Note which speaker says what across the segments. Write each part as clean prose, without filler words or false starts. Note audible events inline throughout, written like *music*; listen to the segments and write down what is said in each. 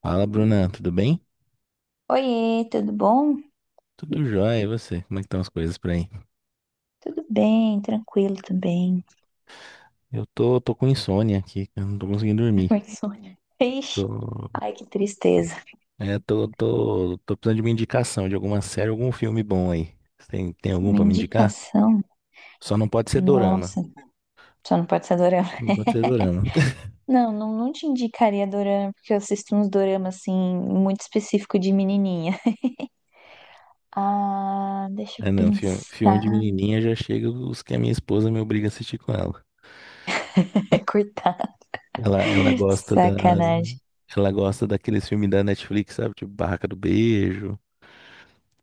Speaker 1: Fala, Bruna, tudo bem?
Speaker 2: Oiê, tudo bom?
Speaker 1: Tudo jóia, e você? Como é que estão as coisas por aí?
Speaker 2: Tudo bem, tranquilo também.
Speaker 1: Eu tô com insônia aqui, eu não tô conseguindo dormir.
Speaker 2: Oi, Sônia. Ixi,
Speaker 1: Tô,
Speaker 2: ai, que tristeza.
Speaker 1: é, tô, tô, Tô precisando de uma indicação de alguma série, algum filme bom aí. Você tem algum
Speaker 2: Uma
Speaker 1: pra me indicar?
Speaker 2: indicação?
Speaker 1: Só não pode ser dorama.
Speaker 2: Nossa, só não pode ser dorama.
Speaker 1: Não pode ser dorama. *laughs*
Speaker 2: Não, não, não te indicaria dorama, porque eu assisto uns dorama, assim, muito específico de menininha. Ah, deixa eu
Speaker 1: Ah, não, filme de
Speaker 2: pensar.
Speaker 1: menininha já chega os que a minha esposa me obriga a assistir com ela.
Speaker 2: *laughs* É cortar.
Speaker 1: Ela, ela gosta da,
Speaker 2: Sacanagem.
Speaker 1: ela gosta daqueles filmes da Netflix, sabe? Tipo Barraca do Beijo.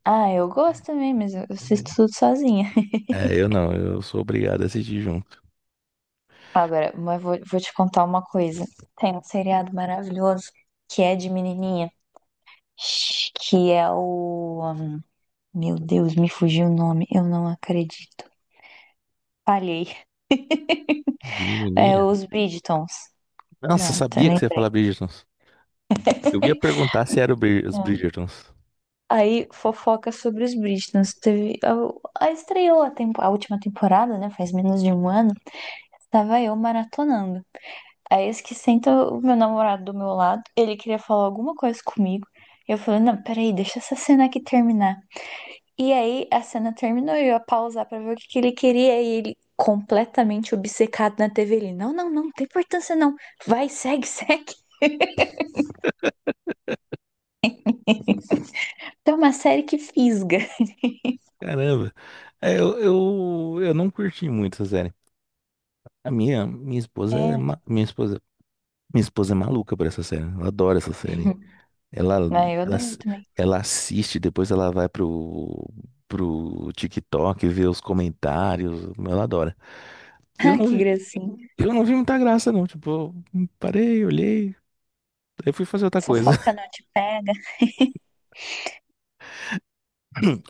Speaker 2: Ah, eu gosto também, mas eu assisto tudo sozinha.
Speaker 1: É, eu não, eu sou obrigado a assistir junto.
Speaker 2: Agora, mas vou te contar uma coisa. Tem um seriado maravilhoso que é de menininha. Que é o. Meu Deus, me fugiu o nome, eu não acredito. Falhei.
Speaker 1: De
Speaker 2: É
Speaker 1: menininha?
Speaker 2: os Bridgetons.
Speaker 1: Nossa, eu
Speaker 2: Pronto,
Speaker 1: sabia que você ia
Speaker 2: lembrei.
Speaker 1: falar Bridgertons. Eu ia perguntar se era os
Speaker 2: É.
Speaker 1: Bridgertons.
Speaker 2: Aí fofoca sobre os Bridgetons. Teve, a estreou a última temporada, né? Faz menos de um ano. Estava eu maratonando. Aí esse que senta o meu namorado do meu lado, ele queria falar alguma coisa comigo. Eu falei, não, peraí, deixa essa cena aqui terminar. E aí a cena terminou e eu ia pausar pra ver o que que ele queria e ele completamente obcecado na TV. Ele, não, não, não, não tem importância não. Vai, segue, *laughs* segue. Então, é uma série que fisga.
Speaker 1: Caramba. Eu não curti muito essa série. A minha, minha esposa é
Speaker 2: É.
Speaker 1: ma- Minha esposa é maluca por essa série. Ela adora essa série.
Speaker 2: *laughs*
Speaker 1: Ela,
Speaker 2: Ah, eu adoro
Speaker 1: ass-
Speaker 2: também.
Speaker 1: Ela assiste, depois ela vai pro, pro TikTok ver os comentários. Ela adora. Eu
Speaker 2: Ah,
Speaker 1: não,
Speaker 2: que
Speaker 1: vi-
Speaker 2: gracinha.
Speaker 1: eu não vi muita graça, não. Tipo, eu parei, olhei, aí fui fazer outra coisa.
Speaker 2: Fofoca não te pega.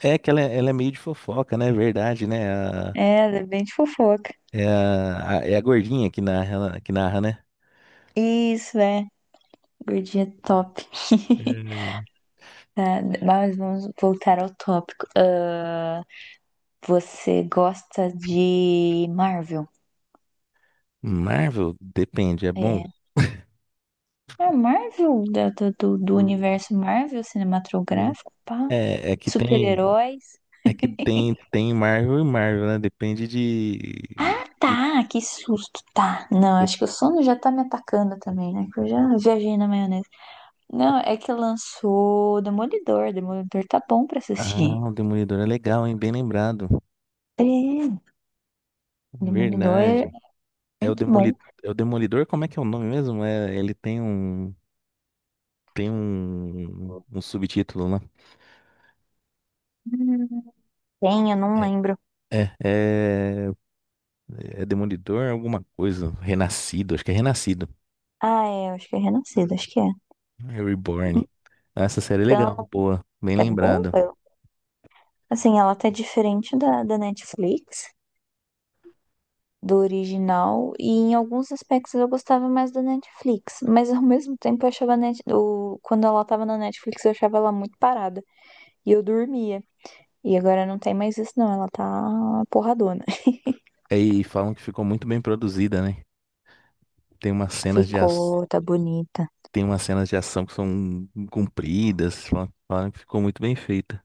Speaker 1: É que ela é meio de fofoca, né? É verdade, né? A-
Speaker 2: É, ela é bem de fofoca.
Speaker 1: é a gordinha que narra, né?
Speaker 2: Isso, é. Gordinha top. *laughs*
Speaker 1: Hum.
Speaker 2: Tá, mas vamos voltar ao tópico. Ah, você gosta de Marvel?
Speaker 1: Marvel, depende, é bom.
Speaker 2: É. É Marvel, do
Speaker 1: Hum.
Speaker 2: universo Marvel cinematográfico, pá.
Speaker 1: É, é que tem,
Speaker 2: Super-heróis.
Speaker 1: Tem Marvel e Marvel, né? Depende de,
Speaker 2: Tá, que susto, tá. Não,
Speaker 1: de-
Speaker 2: acho que o sono já tá me atacando também, né? Que eu já viajei na maionese. Não, é que lançou Demolidor. Demolidor tá bom pra assistir.
Speaker 1: Ah, o Demolidor é legal, hein? Bem lembrado.
Speaker 2: É, Demolidor é
Speaker 1: Verdade. É o
Speaker 2: muito
Speaker 1: Demoli...
Speaker 2: bom.
Speaker 1: É o Demolidor, como é que é o nome mesmo? É, ele um subtítulo lá.
Speaker 2: Hum, Tem, eu não
Speaker 1: É,
Speaker 2: lembro.
Speaker 1: é, é É Demolidor, alguma coisa. Renascido, acho que é Renascido.
Speaker 2: Ah, é, eu acho que é Renascido, acho que é.
Speaker 1: É Reborn. Ah, essa série é legal,
Speaker 2: Então,
Speaker 1: boa. Bem
Speaker 2: é bom.
Speaker 1: lembrado.
Speaker 2: Assim, ela tá diferente da, da Netflix. Do original e em alguns aspectos eu gostava mais da Netflix, mas ao mesmo tempo eu achava quando ela tava na Netflix eu achava ela muito parada e eu dormia. E agora não tem mais isso não, ela tá porradona.
Speaker 1: É, e falam que ficou muito bem produzida, né? Tem umas
Speaker 2: *laughs*
Speaker 1: cenas de, ac-
Speaker 2: Ficou, tá bonita.
Speaker 1: Tem umas cenas de ação que são compridas. Falam que ficou muito bem feita.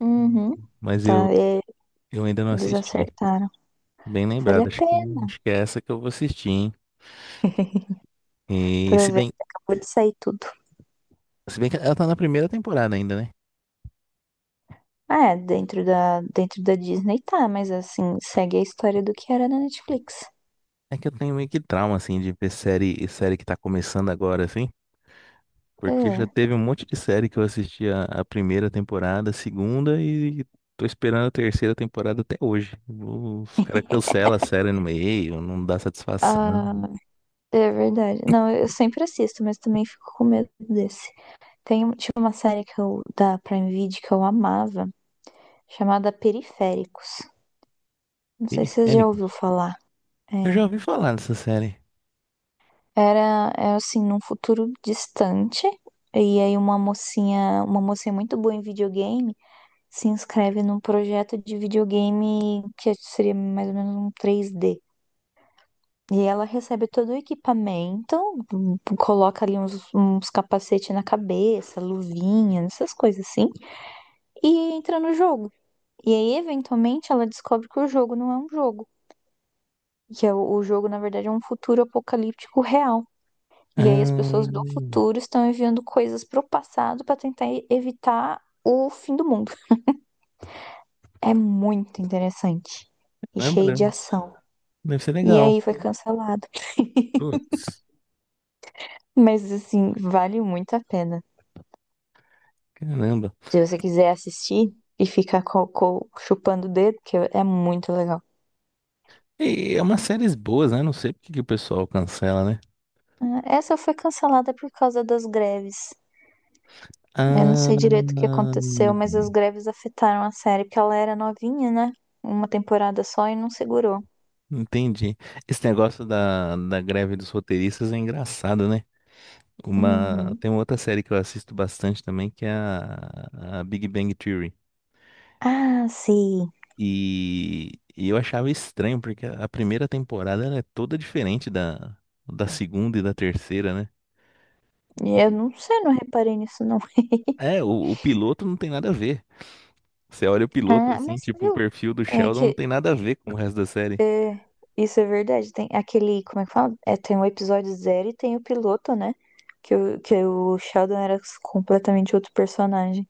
Speaker 2: Uhum.
Speaker 1: Mas eu,
Speaker 2: Tá, é,
Speaker 1: eu ainda não
Speaker 2: eles
Speaker 1: assisti.
Speaker 2: acertaram.
Speaker 1: Bem
Speaker 2: Vale
Speaker 1: lembrado,
Speaker 2: a pena.
Speaker 1: acho que é essa que eu vou assistir, hein? E se
Speaker 2: Aproveita,
Speaker 1: bem,
Speaker 2: acabou de sair tudo.
Speaker 1: Se bem que ela tá na primeira temporada ainda, né?
Speaker 2: Ah, é, dentro da Disney tá, mas assim, segue a história do que era na Netflix.
Speaker 1: É que eu tenho meio que trauma, assim, de ver série, que tá começando agora, assim. Porque já
Speaker 2: É.
Speaker 1: teve um monte de série que eu assisti a primeira temporada, a segunda, e tô esperando a terceira temporada até hoje. Os caras cancelam a série no meio, não dá
Speaker 2: Ah,
Speaker 1: satisfação.
Speaker 2: é verdade. Não, eu sempre assisto, mas também fico com medo desse. Tinha uma série que eu, da Prime Video que eu amava, chamada Periféricos. Não sei
Speaker 1: Fini
Speaker 2: se você já ouviu
Speaker 1: Fênix.
Speaker 2: falar. É.
Speaker 1: Eu já ouvi falar dessa série.
Speaker 2: Era assim, num futuro distante, e aí uma mocinha muito boa em videogame, se inscreve num projeto de videogame que seria mais ou menos um 3D. E ela recebe todo o equipamento, coloca ali uns capacete na cabeça, luvinha, essas coisas assim, e entra no jogo. E aí, eventualmente, ela descobre que o jogo não é um jogo, que é o jogo, na verdade, é um futuro apocalíptico real. E aí, as pessoas do
Speaker 1: Hum,
Speaker 2: futuro estão enviando coisas pro passado para tentar evitar o fim do mundo. É muito interessante e
Speaker 1: caramba,
Speaker 2: cheio de
Speaker 1: né?
Speaker 2: ação.
Speaker 1: Deve ser
Speaker 2: E
Speaker 1: legal.
Speaker 2: aí, foi cancelado.
Speaker 1: Putz,
Speaker 2: Mas, assim, vale muito a pena.
Speaker 1: caramba.
Speaker 2: Se você quiser assistir e ficar chupando o dedo, que é muito legal.
Speaker 1: E é umas séries boas, né? Não sei por que que o pessoal cancela, né?
Speaker 2: Ah, essa foi cancelada por causa das greves. Eu não
Speaker 1: Ah,
Speaker 2: sei direito o que aconteceu, mas as greves afetaram a série, porque ela era novinha, né? Uma temporada só e não segurou.
Speaker 1: entendi. Esse negócio da greve dos roteiristas é engraçado, né?
Speaker 2: Uhum.
Speaker 1: Tem uma outra série que eu assisto bastante também, que é a Big Bang Theory.
Speaker 2: Ah, sim.
Speaker 1: E eu achava estranho, porque a primeira temporada ela é toda diferente da segunda e da terceira, né?
Speaker 2: Eu não sei, não reparei nisso, não.
Speaker 1: É, o piloto não tem nada a ver. Você olha o piloto
Speaker 2: Ah,
Speaker 1: assim,
Speaker 2: mas você
Speaker 1: tipo, o
Speaker 2: viu?
Speaker 1: perfil do
Speaker 2: É
Speaker 1: Sheldon não
Speaker 2: que
Speaker 1: tem nada a ver com o resto da série.
Speaker 2: isso é verdade. Tem aquele, como é que fala? É, tem o episódio zero e tem o piloto, né? Que o Sheldon era completamente outro personagem.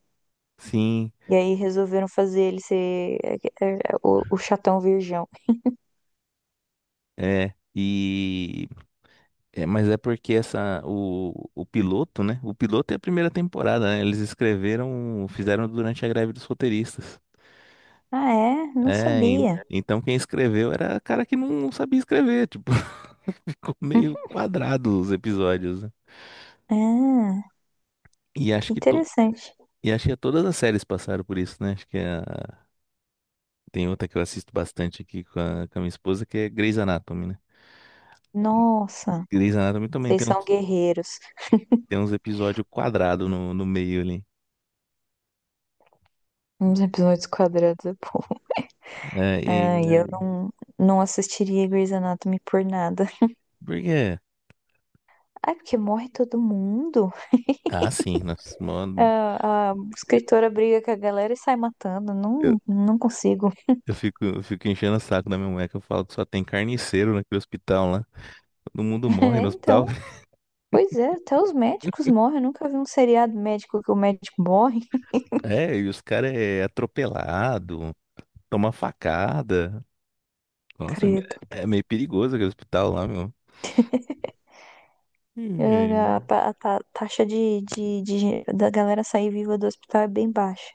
Speaker 1: Sim,
Speaker 2: E aí resolveram fazer ele ser é, o chatão virgão.
Speaker 1: é. Mas é porque essa o piloto, né? O piloto é a primeira temporada, né? Eles escreveram, fizeram durante a greve dos roteiristas.
Speaker 2: Ah, é? Não sabia.
Speaker 1: Então quem escreveu era cara que não sabia escrever, tipo, *laughs* ficou meio
Speaker 2: Uhum.
Speaker 1: quadrado os episódios, né?
Speaker 2: Ah,
Speaker 1: E acho
Speaker 2: que
Speaker 1: que to...
Speaker 2: interessante.
Speaker 1: e acho que todas as séries passaram por isso, né? Tem outra que eu assisto bastante aqui com com a minha esposa, que é Grey's Anatomy, né?
Speaker 2: Nossa,
Speaker 1: Grey's Anatomy também
Speaker 2: vocês são guerreiros.
Speaker 1: tem uns episódios quadrados no meio ali.
Speaker 2: Uns episódios quadrados é bom.
Speaker 1: É,
Speaker 2: Ah, e eu
Speaker 1: e...
Speaker 2: não, não assistiria Grey's Anatomy por nada.
Speaker 1: Porque...
Speaker 2: Ai, porque morre todo mundo.
Speaker 1: Ah, sim, nossa, mano,
Speaker 2: Ah, a escritora briga com a galera e sai matando.
Speaker 1: eu,
Speaker 2: Não, não consigo.
Speaker 1: eu fico enchendo o saco da minha mulher que eu falo que só tem carniceiro naquele hospital lá. Todo mundo
Speaker 2: *laughs*
Speaker 1: morre
Speaker 2: É,
Speaker 1: no hospital.
Speaker 2: então. Pois é, até os médicos morrem. Eu nunca vi um seriado médico que o médico morre.
Speaker 1: É, e os caras é atropelado, toma facada. Nossa,
Speaker 2: Credo.
Speaker 1: é meio perigoso aquele hospital lá, meu.
Speaker 2: É, A,
Speaker 1: Hum.
Speaker 2: pa- a ta- taxa da galera sair viva do hospital é bem baixa.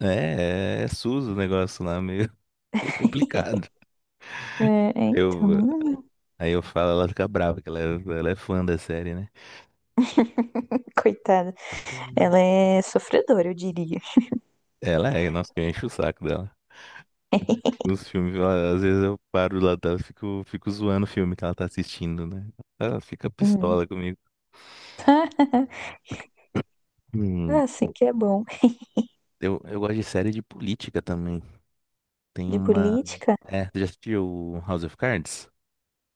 Speaker 1: SUS o negócio lá, meio, *laughs* meio complicado.
Speaker 2: É, então.
Speaker 1: Eu, Aí eu falo, ela fica brava, que ela é fã da série, né?
Speaker 2: *laughs* Coitada.
Speaker 1: Hum.
Speaker 2: Ela é sofredora, eu diria.
Speaker 1: Nossa, que eu encho o saco dela. Nos filmes, às vezes eu paro lá dela, fico zoando o filme que ela tá assistindo, né? Ela fica
Speaker 2: Hum.
Speaker 1: pistola comigo.
Speaker 2: *laughs*
Speaker 1: Hum.
Speaker 2: Ah, sim, que é bom.
Speaker 1: Eu gosto de série de política também. Tem
Speaker 2: De
Speaker 1: uma.
Speaker 2: política?
Speaker 1: É, você já assistiu o House of Cards?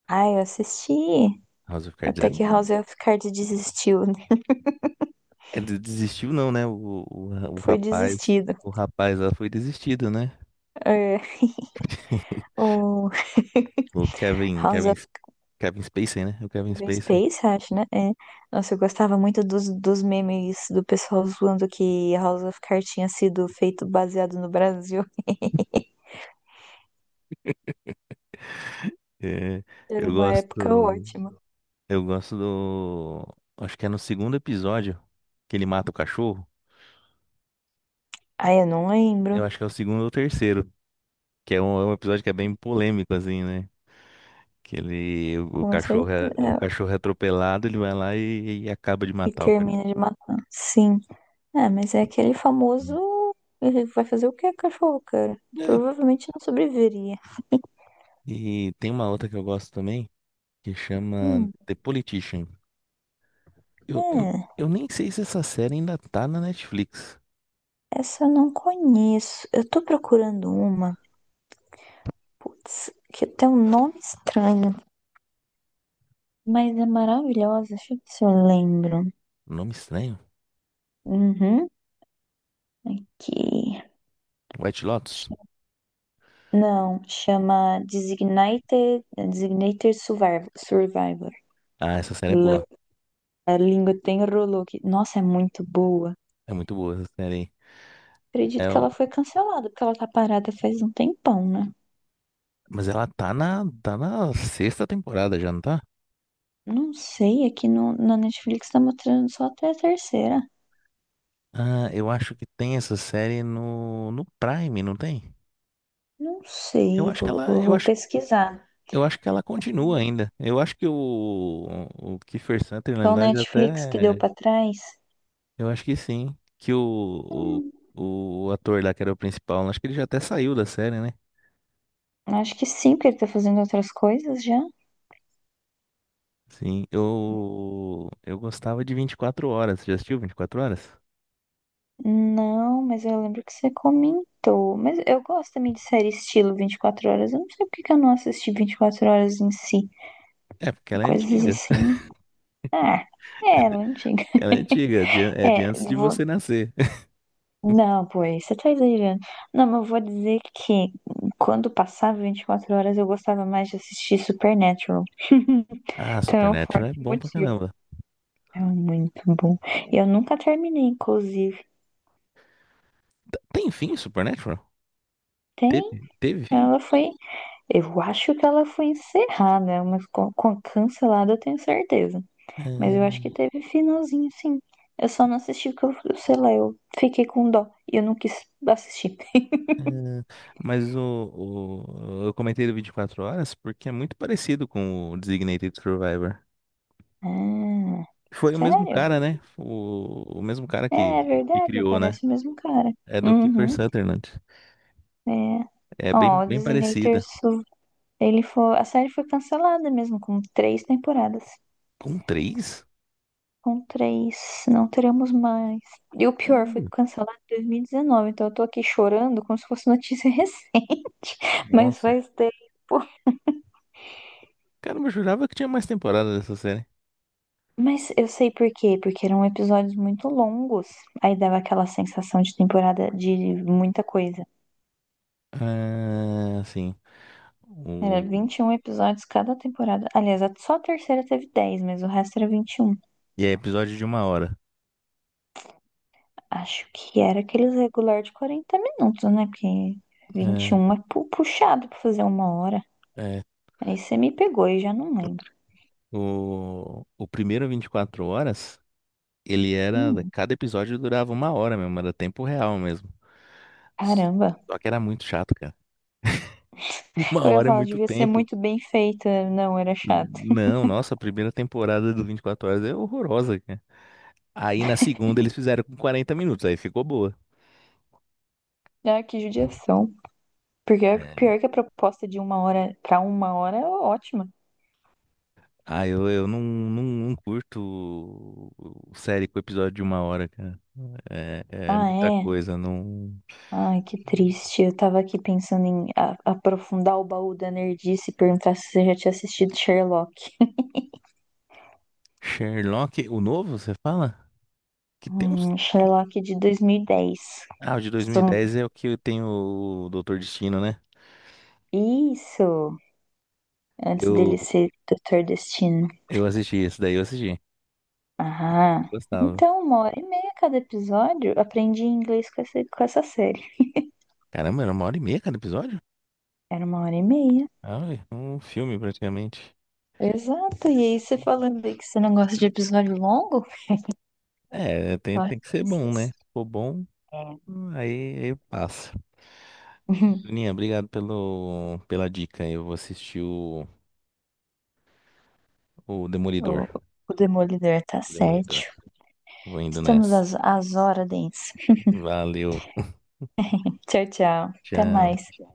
Speaker 2: Ah, eu assisti.
Speaker 1: House of Cards
Speaker 2: Até
Speaker 1: é.
Speaker 2: que House of Cards desistiu, né?
Speaker 1: Desistiu, não, né? O
Speaker 2: Foi
Speaker 1: rapaz.
Speaker 2: desistido.
Speaker 1: O rapaz lá foi desistido, né?
Speaker 2: É,
Speaker 1: *laughs*
Speaker 2: o *laughs*
Speaker 1: O Kevin.
Speaker 2: House
Speaker 1: Kevin,
Speaker 2: of
Speaker 1: Kevin Spacey, né? O Kevin
Speaker 2: Kevin
Speaker 1: Spacey.
Speaker 2: Space, acho, né? É. Nossa, eu gostava muito dos memes do pessoal zoando que House of Cards tinha sido feito baseado no Brasil.
Speaker 1: É,
Speaker 2: Era
Speaker 1: eu
Speaker 2: uma época
Speaker 1: gosto.
Speaker 2: ótima.
Speaker 1: Eu gosto do. Acho que é no segundo episódio que ele mata o cachorro.
Speaker 2: Ai, eu não lembro.
Speaker 1: Eu acho que é o segundo ou terceiro. Que é um episódio que é bem polêmico, assim, né? Que ele. O
Speaker 2: Com
Speaker 1: cachorro
Speaker 2: certeza.
Speaker 1: é, o
Speaker 2: É,
Speaker 1: cachorro é atropelado, ele vai lá e acaba de
Speaker 2: e
Speaker 1: matar o cachorro.
Speaker 2: termina de matar. Sim. É, mas é aquele famoso. Ele vai fazer o que, cachorro, cara?
Speaker 1: É.
Speaker 2: Provavelmente não sobreviveria.
Speaker 1: E tem uma outra que eu gosto também, que chama
Speaker 2: Hum,
Speaker 1: The Politician. Eu, eu,
Speaker 2: é,
Speaker 1: eu nem sei se essa série ainda tá na Netflix.
Speaker 2: essa eu não conheço. Eu tô procurando uma. Putz, que tem um nome estranho. Mas é maravilhosa. Deixa eu ver se eu lembro.
Speaker 1: Nome estranho.
Speaker 2: Uhum. Que.
Speaker 1: White Lotus.
Speaker 2: Não, chama Designated Survivor. Survivor.
Speaker 1: Ah, essa série é boa.
Speaker 2: A língua tem rolô que, nossa, é muito boa.
Speaker 1: É muito boa essa série aí.
Speaker 2: Acredito
Speaker 1: É,
Speaker 2: que
Speaker 1: o-
Speaker 2: ela foi cancelada, porque ela tá parada faz um tempão, né?
Speaker 1: mas ela tá na, tá na sexta temporada já, não tá?
Speaker 2: Não sei, aqui no, na Netflix tá mostrando só até a terceira.
Speaker 1: Ah, eu acho que tem essa série no, no Prime, não tem?
Speaker 2: Não
Speaker 1: Eu
Speaker 2: sei,
Speaker 1: acho que
Speaker 2: vou,
Speaker 1: ela,
Speaker 2: vou,
Speaker 1: eu
Speaker 2: vou
Speaker 1: acho,
Speaker 2: pesquisar.
Speaker 1: eu acho que ela continua ainda. Eu acho que o Kiefer
Speaker 2: Só
Speaker 1: Sutherland
Speaker 2: o
Speaker 1: lá já
Speaker 2: Netflix que deu
Speaker 1: até.
Speaker 2: pra trás?
Speaker 1: Eu acho que sim. Que o,
Speaker 2: Hum,
Speaker 1: o, o ator lá que era o principal, acho que ele já até saiu da série, né?
Speaker 2: acho que sim, porque ele tá fazendo outras coisas já.
Speaker 1: Sim, eu gostava de 24 horas. Já assistiu 24 horas?
Speaker 2: Não, mas eu lembro que você comentou. Mas eu gosto também de série estilo 24 horas. Eu não sei porque que eu não assisti 24 horas em si.
Speaker 1: É, porque ela é
Speaker 2: Coisas
Speaker 1: antiga.
Speaker 2: assim. Ah, é, ela é antiga.
Speaker 1: Ela é antiga,
Speaker 2: *laughs*
Speaker 1: é de
Speaker 2: É,
Speaker 1: antes de
Speaker 2: vou...
Speaker 1: você nascer. *laughs*
Speaker 2: Não, pois, você tá exagerando. Não, mas eu vou dizer que quando passava 24 horas eu gostava mais de assistir Supernatural. *laughs*
Speaker 1: Ah,
Speaker 2: Então é um
Speaker 1: Supernatural é
Speaker 2: forte
Speaker 1: bom pra
Speaker 2: motivo.
Speaker 1: caramba.
Speaker 2: É muito bom. Eu nunca terminei, inclusive.
Speaker 1: Tem fim, Supernatural? Teve,
Speaker 2: Tem?
Speaker 1: teve fim?
Speaker 2: Ela foi. Eu acho que ela foi encerrada, mas cancelada eu tenho certeza. Mas
Speaker 1: Ah,
Speaker 2: eu acho que teve finalzinho, sim. Eu só não assisti porque eu, sei lá, eu fiquei com dó e eu não quis assistir.
Speaker 1: ah, mas eu comentei do 24 horas porque é muito parecido com o Designated Survivor.
Speaker 2: Ah,
Speaker 1: Foi o mesmo
Speaker 2: sério?
Speaker 1: cara, né? O mesmo cara
Speaker 2: É
Speaker 1: que
Speaker 2: verdade,
Speaker 1: criou, né?
Speaker 2: parece o mesmo cara.
Speaker 1: É do Kiefer
Speaker 2: Uhum.
Speaker 1: Sutherland.
Speaker 2: É.
Speaker 1: É
Speaker 2: Ó,
Speaker 1: bem, bem parecida.
Speaker 2: Ele foi, a série foi cancelada mesmo, com três temporadas.
Speaker 1: Com três?
Speaker 2: Com três, não teremos mais. E o pior, foi
Speaker 1: Caramba,
Speaker 2: cancelado em 2019, então eu tô aqui chorando como se fosse notícia *laughs* recente, mas
Speaker 1: nossa.
Speaker 2: faz tempo.
Speaker 1: Caramba, eu jurava que tinha mais temporada dessa série.
Speaker 2: Mas eu sei por quê, porque eram episódios muito longos, aí dava aquela sensação de temporada de muita coisa.
Speaker 1: Ah, sim.
Speaker 2: Era
Speaker 1: O...
Speaker 2: 21 episódios cada temporada. Aliás, só a terceira teve 10, mas o resto era 21.
Speaker 1: E é episódio de uma hora.
Speaker 2: Acho que era aqueles regular de 40 minutos, né? Porque 21 é puxado pra fazer uma hora.
Speaker 1: É, é.
Speaker 2: Aí você me pegou e já não lembro.
Speaker 1: O primeiro 24 horas, ele era.
Speaker 2: Hum,
Speaker 1: cada episódio durava uma hora mesmo, era tempo real mesmo.
Speaker 2: caramba.
Speaker 1: Só que era muito chato, cara. *laughs* Uma
Speaker 2: Eu ia
Speaker 1: hora é
Speaker 2: falar,
Speaker 1: muito
Speaker 2: devia ser
Speaker 1: tempo.
Speaker 2: muito bem feita. Não, era chato.
Speaker 1: Não, nossa, a primeira temporada do 24 Horas é horrorosa, cara. Aí na segunda eles fizeram com 40 minutos, aí ficou boa.
Speaker 2: Ah, que judiação. Porque é
Speaker 1: É.
Speaker 2: pior que a proposta de uma hora pra uma hora é ótima.
Speaker 1: Ah, eu não curto série com episódio de uma hora, cara. É, é
Speaker 2: Ah,
Speaker 1: muita
Speaker 2: é.
Speaker 1: coisa. Não...
Speaker 2: Ai, que triste. Eu tava aqui pensando em aprofundar o baú da nerdice e perguntar se você já tinha assistido Sherlock.
Speaker 1: Sherlock, o novo, você fala? Que tem uns.
Speaker 2: Sherlock de 2010.
Speaker 1: Ah, o de dois mil e
Speaker 2: São-
Speaker 1: dez é o que tem o Doutor Destino, né?
Speaker 2: Isso! Antes
Speaker 1: Eu,
Speaker 2: dele ser Doutor Destino.
Speaker 1: eu assisti, esse daí eu assisti.
Speaker 2: Ah,
Speaker 1: Gostava.
Speaker 2: então uma hora e meia cada episódio. Aprendi inglês com essa série.
Speaker 1: Caramba, era uma hora e meia cada episódio?
Speaker 2: Era uma hora e meia.
Speaker 1: Ah, um filme praticamente.
Speaker 2: Exato. E aí você falando aí que você não gosta de episódio longo?
Speaker 1: É, tem,
Speaker 2: Eu acho
Speaker 1: tem que ser
Speaker 2: que é
Speaker 1: bom, né?
Speaker 2: isso.
Speaker 1: Se for bom,
Speaker 2: É.
Speaker 1: aí passa. Bruninha,
Speaker 2: *laughs*
Speaker 1: obrigado pela dica. Eu vou assistir o Demolidor.
Speaker 2: O, o Demolidor tá
Speaker 1: O
Speaker 2: certo.
Speaker 1: Demolidor. Vou indo
Speaker 2: Estamos
Speaker 1: nessa.
Speaker 2: às horas, Dens.
Speaker 1: Valeu. *laughs*
Speaker 2: Tchau, tchau. Até
Speaker 1: Tchau.
Speaker 2: mais.